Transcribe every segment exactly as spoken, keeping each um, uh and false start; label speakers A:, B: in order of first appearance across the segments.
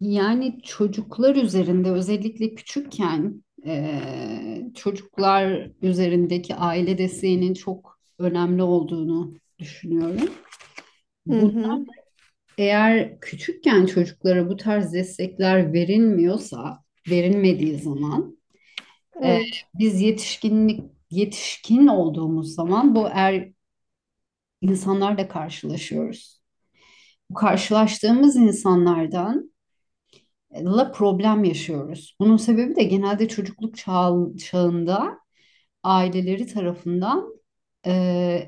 A: Yani çocuklar üzerinde özellikle küçükken eee, çocuklar üzerindeki aile desteğinin çok önemli olduğunu düşünüyorum.
B: Hı
A: Bunu
B: hı.
A: eğer küçükken çocuklara bu tarz destekler verilmiyorsa, verilmediği zaman eee,
B: Evet,
A: biz yetişkinlik yetişkin olduğumuz zaman bu er insanlarla karşılaşıyoruz. Bu karşılaştığımız insanlardan la problem yaşıyoruz. Bunun sebebi de genelde çocukluk çağı- çağında aileleri tarafından e,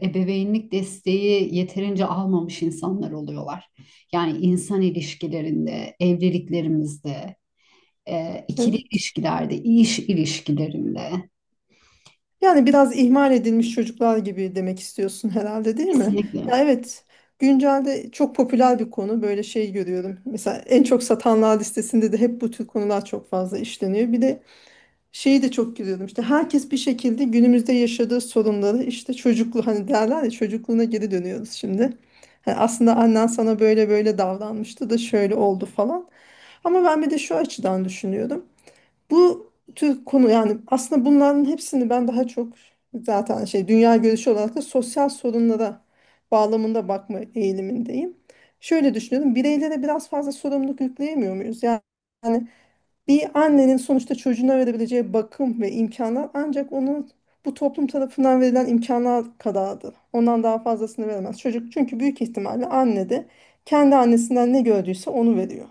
A: ebeveynlik desteği yeterince almamış insanlar oluyorlar. Yani insan ilişkilerinde, evliliklerimizde, e, ikili
B: evet.
A: ilişkilerde, iş ilişkilerinde
B: Yani biraz ihmal edilmiş çocuklar gibi demek istiyorsun herhalde, değil mi?
A: kesinlikle.
B: Ya evet. Güncelde çok popüler bir konu. Böyle şey görüyorum. Mesela en çok satanlar listesinde de hep bu tür konular çok fazla işleniyor. Bir de şeyi de çok gülüyordum, işte herkes bir şekilde günümüzde yaşadığı sorunları, işte çocuklu, hani derler ya, çocukluğuna geri dönüyoruz şimdi. Hani aslında annen sana böyle böyle davranmıştı da şöyle oldu falan. Ama ben bir de şu açıdan düşünüyorum. Bu tür konu, yani aslında bunların hepsini ben daha çok zaten, şey, dünya görüşü olarak da sosyal sorunlara bağlamında bakma eğilimindeyim. Şöyle düşünüyorum, bireylere biraz fazla sorumluluk yükleyemiyor muyuz? Yani bir annenin sonuçta çocuğuna verebileceği bakım ve imkanlar ancak onun bu toplum tarafından verilen imkanlar kadardır. Ondan daha fazlasını veremez. Çocuk, çünkü büyük ihtimalle anne de kendi annesinden ne gördüyse onu veriyor.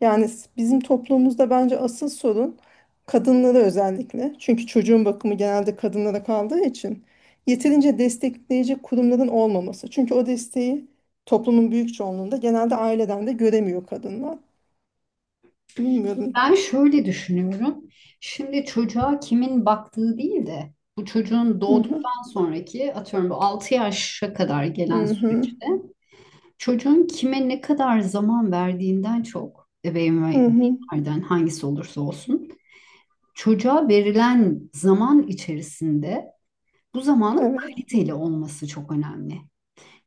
B: Yani s- bizim toplumumuzda bence asıl sorun kadınlara, özellikle. Çünkü çocuğun bakımı genelde kadınlara kaldığı için yeterince destekleyici kurumların olmaması. Çünkü o desteği toplumun büyük çoğunluğunda genelde aileden de göremiyor kadınlar. Bilmiyorum.
A: Ben şöyle düşünüyorum. Şimdi çocuğa kimin baktığı değil de bu çocuğun
B: Hı hı.
A: doğduktan sonraki atıyorum bu altı yaşa kadar gelen
B: Hı hı.
A: süreçte çocuğun kime ne kadar zaman verdiğinden çok ebeveyn ve hı,
B: Hı hı.
A: ebeveynlerden hangisi olursa olsun çocuğa verilen zaman içerisinde bu zamanın
B: Evet.
A: kaliteli olması çok önemli.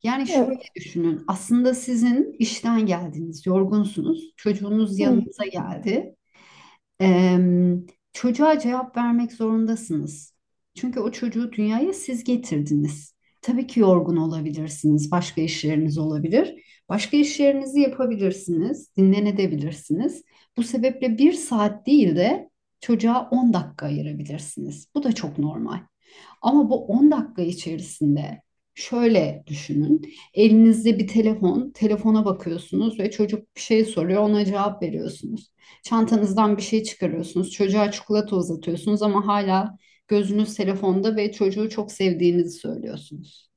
A: Yani şöyle
B: Evet.
A: düşünün, aslında sizin işten geldiniz, yorgunsunuz, çocuğunuz
B: Hı.
A: yanınıza geldi. Em, Çocuğa cevap vermek zorundasınız. Çünkü o çocuğu dünyaya siz getirdiniz. Tabii ki yorgun olabilirsiniz, başka işleriniz olabilir. Başka işlerinizi yapabilirsiniz, dinlenebilirsiniz. Bu sebeple bir saat değil de çocuğa on dakika ayırabilirsiniz. Bu da çok normal. Ama bu on dakika içerisinde şöyle düşünün. Elinizde bir telefon, telefona bakıyorsunuz ve çocuk bir şey soruyor, ona cevap veriyorsunuz. Çantanızdan bir şey çıkarıyorsunuz, çocuğa çikolata uzatıyorsunuz ama hala gözünüz telefonda ve çocuğu çok sevdiğinizi söylüyorsunuz.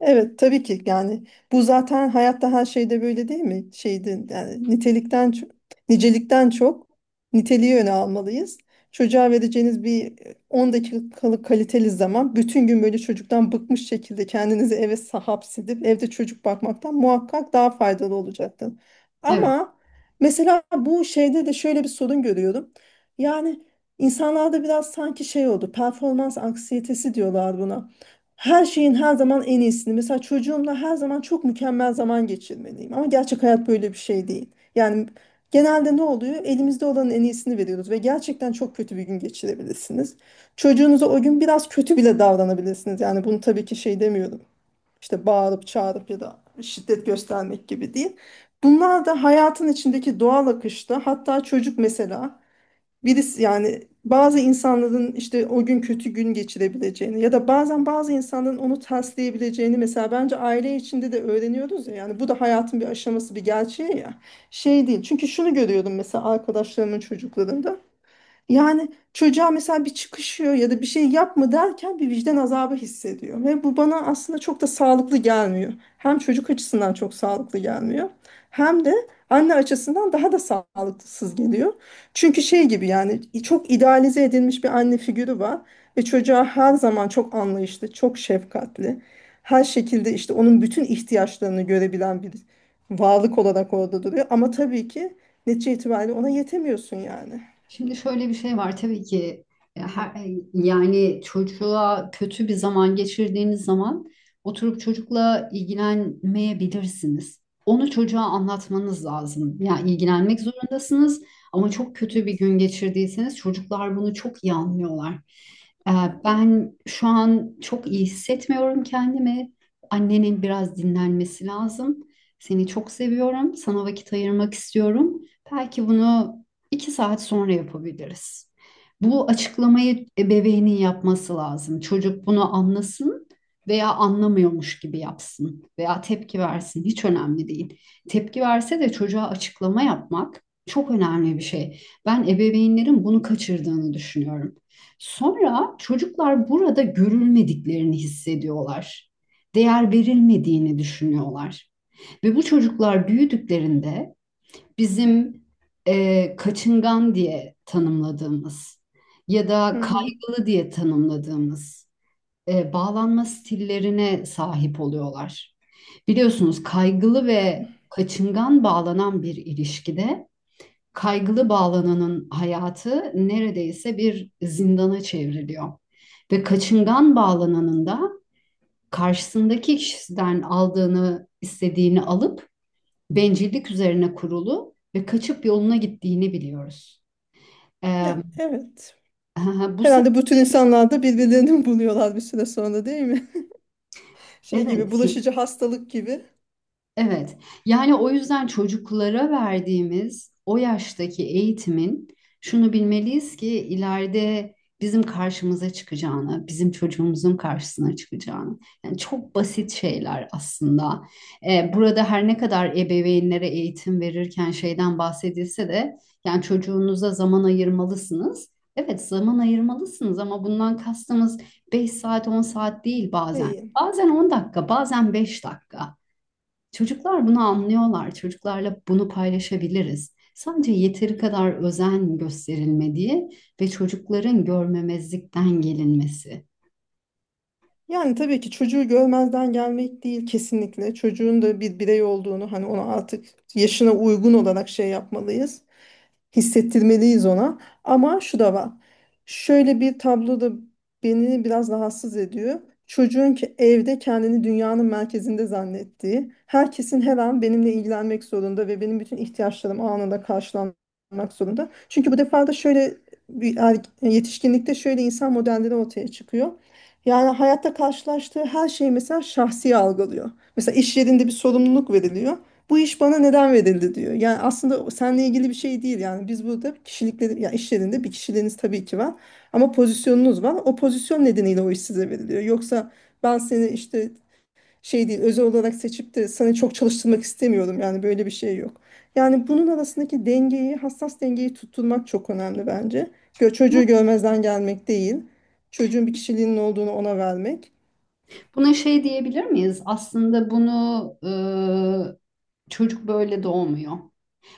B: Evet, tabii ki. Yani bu zaten hayatta her şeyde böyle değil mi? Şeyde, yani nitelikten çok, nicelikten çok niteliği öne almalıyız. Çocuğa vereceğiniz bir e, on dakikalık kaliteli zaman, bütün gün böyle çocuktan bıkmış şekilde kendinizi eve hapsedip evde çocuk bakmaktan muhakkak daha faydalı olacaktır.
A: Evet.
B: Ama mesela bu şeyde de şöyle bir sorun görüyorum. Yani insanlarda biraz sanki şey oldu, performans anksiyetesi diyorlar buna. Her şeyin her zaman en iyisini. Mesela çocuğumla her zaman çok mükemmel zaman geçirmeliyim. Ama gerçek hayat böyle bir şey değil. Yani genelde ne oluyor? Elimizde olanın en iyisini veriyoruz ve gerçekten çok kötü bir gün geçirebilirsiniz. Çocuğunuza o gün biraz kötü bile davranabilirsiniz. Yani bunu tabii ki şey demiyorum. İşte bağırıp çağırıp ya da şiddet göstermek gibi değil. Bunlar da hayatın içindeki doğal akışta, hatta çocuk mesela birisi, yani bazı insanların işte o gün kötü gün geçirebileceğini ya da bazen bazı insanların onu tersleyebileceğini mesela bence aile içinde de öğreniyoruz ya, yani bu da hayatın bir aşaması, bir gerçeği ya. Şey değil, çünkü şunu görüyordum mesela arkadaşlarımın çocuklarında, yani çocuğa mesela bir çıkışıyor ya da bir şey yapma derken bir vicdan azabı hissediyor. Ve bu bana aslında çok da sağlıklı gelmiyor. Hem çocuk açısından çok sağlıklı gelmiyor. Hem de anne açısından daha da sağlıksız geliyor. Çünkü şey gibi, yani çok idealize edilmiş bir anne figürü var. Ve çocuğa her zaman çok anlayışlı, çok şefkatli. Her şekilde işte onun bütün ihtiyaçlarını görebilen bir varlık olarak orada duruyor. Ama tabii ki netice itibariyle ona yetemiyorsun yani.
A: Şimdi şöyle bir şey var. Tabii ki e, her, e, yani çocuğa kötü bir zaman geçirdiğiniz zaman oturup çocukla ilgilenmeyebilirsiniz. Onu çocuğa anlatmanız lazım. Yani ilgilenmek zorundasınız ama çok kötü bir
B: Evet.
A: gün geçirdiyseniz çocuklar bunu çok iyi anlıyorlar. E,
B: Evet.
A: Ben şu an çok iyi hissetmiyorum kendimi. Annenin biraz dinlenmesi lazım. Seni çok seviyorum. Sana vakit ayırmak istiyorum. Belki bunu iki saat sonra yapabiliriz. Bu açıklamayı ebeveynin yapması lazım. Çocuk bunu anlasın veya anlamıyormuş gibi yapsın veya tepki versin, hiç önemli değil. Tepki verse de çocuğa açıklama yapmak çok önemli bir şey. Ben ebeveynlerin bunu kaçırdığını düşünüyorum. Sonra çocuklar burada görülmediklerini hissediyorlar. Değer verilmediğini düşünüyorlar. Ve bu çocuklar büyüdüklerinde bizim e, kaçıngan diye tanımladığımız ya
B: Hı
A: da
B: hı.
A: kaygılı diye tanımladığımız e, bağlanma stillerine sahip oluyorlar. Biliyorsunuz, kaygılı ve kaçıngan bağlanan bir ilişkide kaygılı bağlananın hayatı neredeyse bir zindana çevriliyor. Ve kaçıngan bağlananın da karşısındaki kişiden aldığını, istediğini alıp bencillik üzerine kurulu ve kaçıp yoluna gittiğini biliyoruz. Ee,
B: Ya evet.
A: bu sefer
B: Herhalde bütün insanlar da birbirlerini buluyorlar bir süre sonra, değil mi? Şey gibi,
A: evet.
B: bulaşıcı hastalık gibi
A: Evet. Yani o yüzden çocuklara verdiğimiz o yaştaki eğitimin şunu bilmeliyiz ki ileride bizim karşımıza çıkacağını, bizim çocuğumuzun karşısına çıkacağını. Yani çok basit şeyler aslında. Ee, burada her ne kadar ebeveynlere eğitim verirken şeyden bahsedilse de yani çocuğunuza zaman ayırmalısınız. Evet, zaman ayırmalısınız ama bundan kastımız beş saat on saat değil bazen.
B: değil.
A: Bazen on dakika, bazen beş dakika. Çocuklar bunu anlıyorlar. Çocuklarla bunu paylaşabiliriz. Sadece yeteri kadar özen gösterilmediği ve çocukların görmemezlikten gelinmesi.
B: Yani tabii ki çocuğu görmezden gelmek değil kesinlikle. Çocuğun da bir birey olduğunu, hani ona artık yaşına uygun olarak şey yapmalıyız, hissettirmeliyiz ona. Ama şu da var. Şöyle bir tablo da beni biraz rahatsız ediyor. Çocuğun ki evde kendini dünyanın merkezinde zannettiği, herkesin her an benimle ilgilenmek zorunda ve benim bütün ihtiyaçlarım anında karşılanmak zorunda. Çünkü bu defa da şöyle bir erg- yetişkinlikte şöyle insan modelleri ortaya çıkıyor. Yani hayatta karşılaştığı her şeyi mesela şahsi algılıyor. Mesela iş yerinde bir sorumluluk veriliyor, bu iş bana neden verildi diyor. Yani aslında seninle ilgili bir şey değil. Yani biz burada kişilikleri, ya işlerinde bir kişiliğiniz tabii ki var. Ama pozisyonunuz var. O pozisyon nedeniyle o iş size veriliyor. Yoksa ben seni işte şey değil, özel olarak seçip de sana çok çalıştırmak istemiyorum. Yani böyle bir şey yok. Yani bunun arasındaki dengeyi, hassas dengeyi tutturmak çok önemli bence. Gö- çocuğu görmezden gelmek değil. Çocuğun bir kişiliğinin olduğunu ona vermek.
A: Buna şey diyebilir miyiz? Aslında bunu e, çocuk böyle doğmuyor.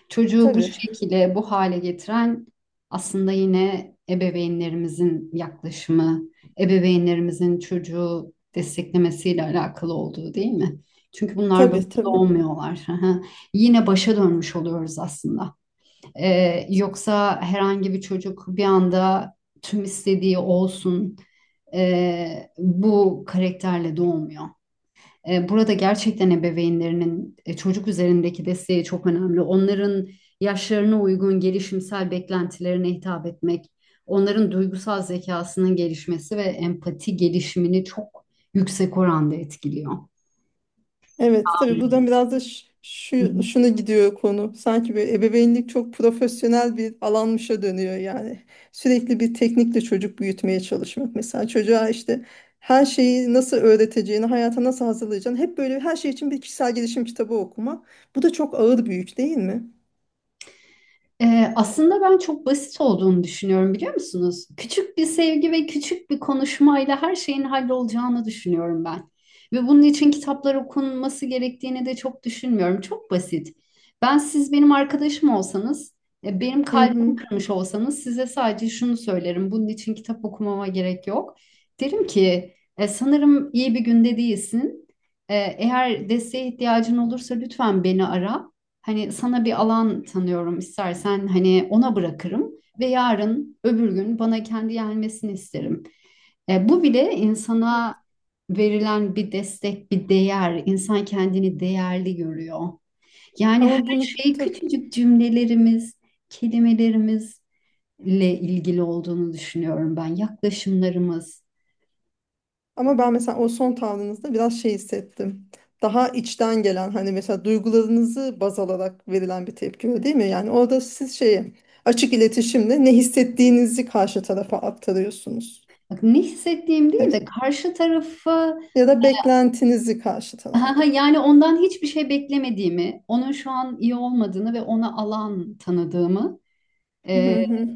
A: Çocuğu bu
B: Tabii,
A: şekilde, bu hale getiren aslında yine ebeveynlerimizin yaklaşımı, ebeveynlerimizin çocuğu desteklemesiyle alakalı olduğu, değil mi? Çünkü bunlar böyle
B: tabii, tabii.
A: doğmuyorlar. Hı hı. Yine başa dönmüş oluyoruz aslında. Ee, yoksa herhangi bir çocuk bir anda tüm istediği olsun, ee, bu karakterle doğmuyor. E, Burada gerçekten ebeveynlerinin e, çocuk üzerindeki desteği çok önemli. Onların yaşlarına uygun gelişimsel beklentilerine hitap etmek, onların duygusal zekasının gelişmesi ve empati gelişimini çok yüksek oranda etkiliyor.
B: Evet, tabii buradan biraz da ş-
A: Hı
B: şu
A: hı.
B: şuna gidiyor konu. Sanki böyle ebeveynlik çok profesyonel bir alanmışa dönüyor yani. Sürekli bir teknikle çocuk büyütmeye çalışmak. Mesela çocuğa işte her şeyi nasıl öğreteceğini, hayata nasıl hazırlayacağını hep böyle her şey için bir kişisel gelişim kitabı okumak. Bu da çok ağır bir yük değil mi?
A: Ee, aslında ben çok basit olduğunu düşünüyorum, biliyor musunuz? Küçük bir sevgi ve küçük bir konuşmayla her şeyin hallolacağını düşünüyorum ben. Ve bunun için kitaplar okunması gerektiğini de çok düşünmüyorum. Çok basit. Ben, siz benim arkadaşım olsanız, e, benim
B: Hı hı.
A: kalbimi kırmış olsanız, size sadece şunu söylerim. Bunun için kitap okumama gerek yok. Derim ki "E, sanırım iyi bir günde değilsin. E, eğer desteğe ihtiyacın olursa lütfen beni ara. Hani sana bir alan tanıyorum, istersen hani ona bırakırım ve yarın öbür gün bana kendi gelmesini isterim. E, bu bile insana verilen bir destek, bir değer. İnsan kendini değerli görüyor. Yani her
B: Ama bunu
A: şey
B: tabii
A: küçücük cümlelerimiz, kelimelerimizle ilgili olduğunu düşünüyorum ben. Yaklaşımlarımız.
B: ama ben mesela o son tavrınızda biraz şey hissettim. Daha içten gelen, hani mesela duygularınızı baz alarak verilen bir tepki, öyle değil mi? Yani orada siz şeyi açık iletişimle ne hissettiğinizi karşı tarafa aktarıyorsunuz.
A: Bak, ne hissettiğim değil
B: Evet.
A: de karşı tarafı.
B: Ya da beklentinizi karşı
A: Ha,
B: taraftan.
A: yani ondan hiçbir şey beklemediğimi, onun şu an iyi olmadığını ve ona alan tanıdığımı
B: Hı
A: e,
B: hı.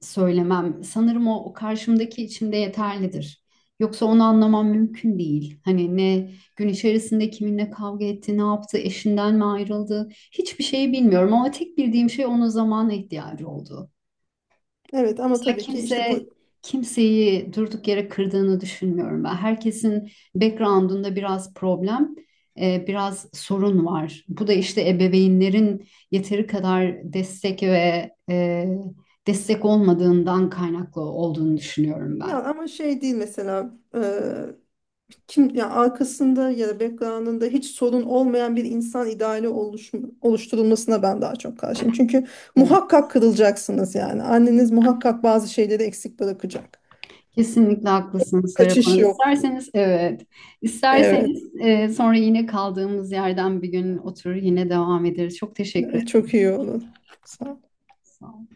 A: söylemem. Sanırım o, o karşımdaki içimde yeterlidir. Yoksa onu anlamam mümkün değil. Hani ne gün içerisinde kiminle kavga etti, ne yaptı, eşinden mi ayrıldı, hiçbir şeyi bilmiyorum. Ama tek bildiğim şey onun zamana ihtiyacı olduğu.
B: Evet, ama
A: Ya
B: tabii ki
A: kimse
B: işte bu,
A: kimseyi durduk yere kırdığını düşünmüyorum ben. Herkesin background'unda biraz problem, e, biraz sorun var. Bu da işte ebeveynlerin yeteri kadar destek ve e, destek olmadığından kaynaklı olduğunu düşünüyorum
B: ya,
A: ben.
B: ama şey değil mesela. Kim, ya arkasında ya da background'ında hiç sorun olmayan bir insan ideali oluş, oluşturulmasına ben daha çok karşıyım. Çünkü
A: Evet.
B: muhakkak kırılacaksınız yani. Anneniz muhakkak bazı şeyleri eksik bırakacak.
A: Kesinlikle haklısınız Serap
B: Kaçış
A: Hanım.
B: yok.
A: İsterseniz evet,
B: Evet.
A: isterseniz e, sonra yine kaldığımız yerden bir gün oturur yine devam ederiz. Çok teşekkür
B: Evet,
A: ederim.
B: çok iyi olur. Sağ
A: Sağ olun.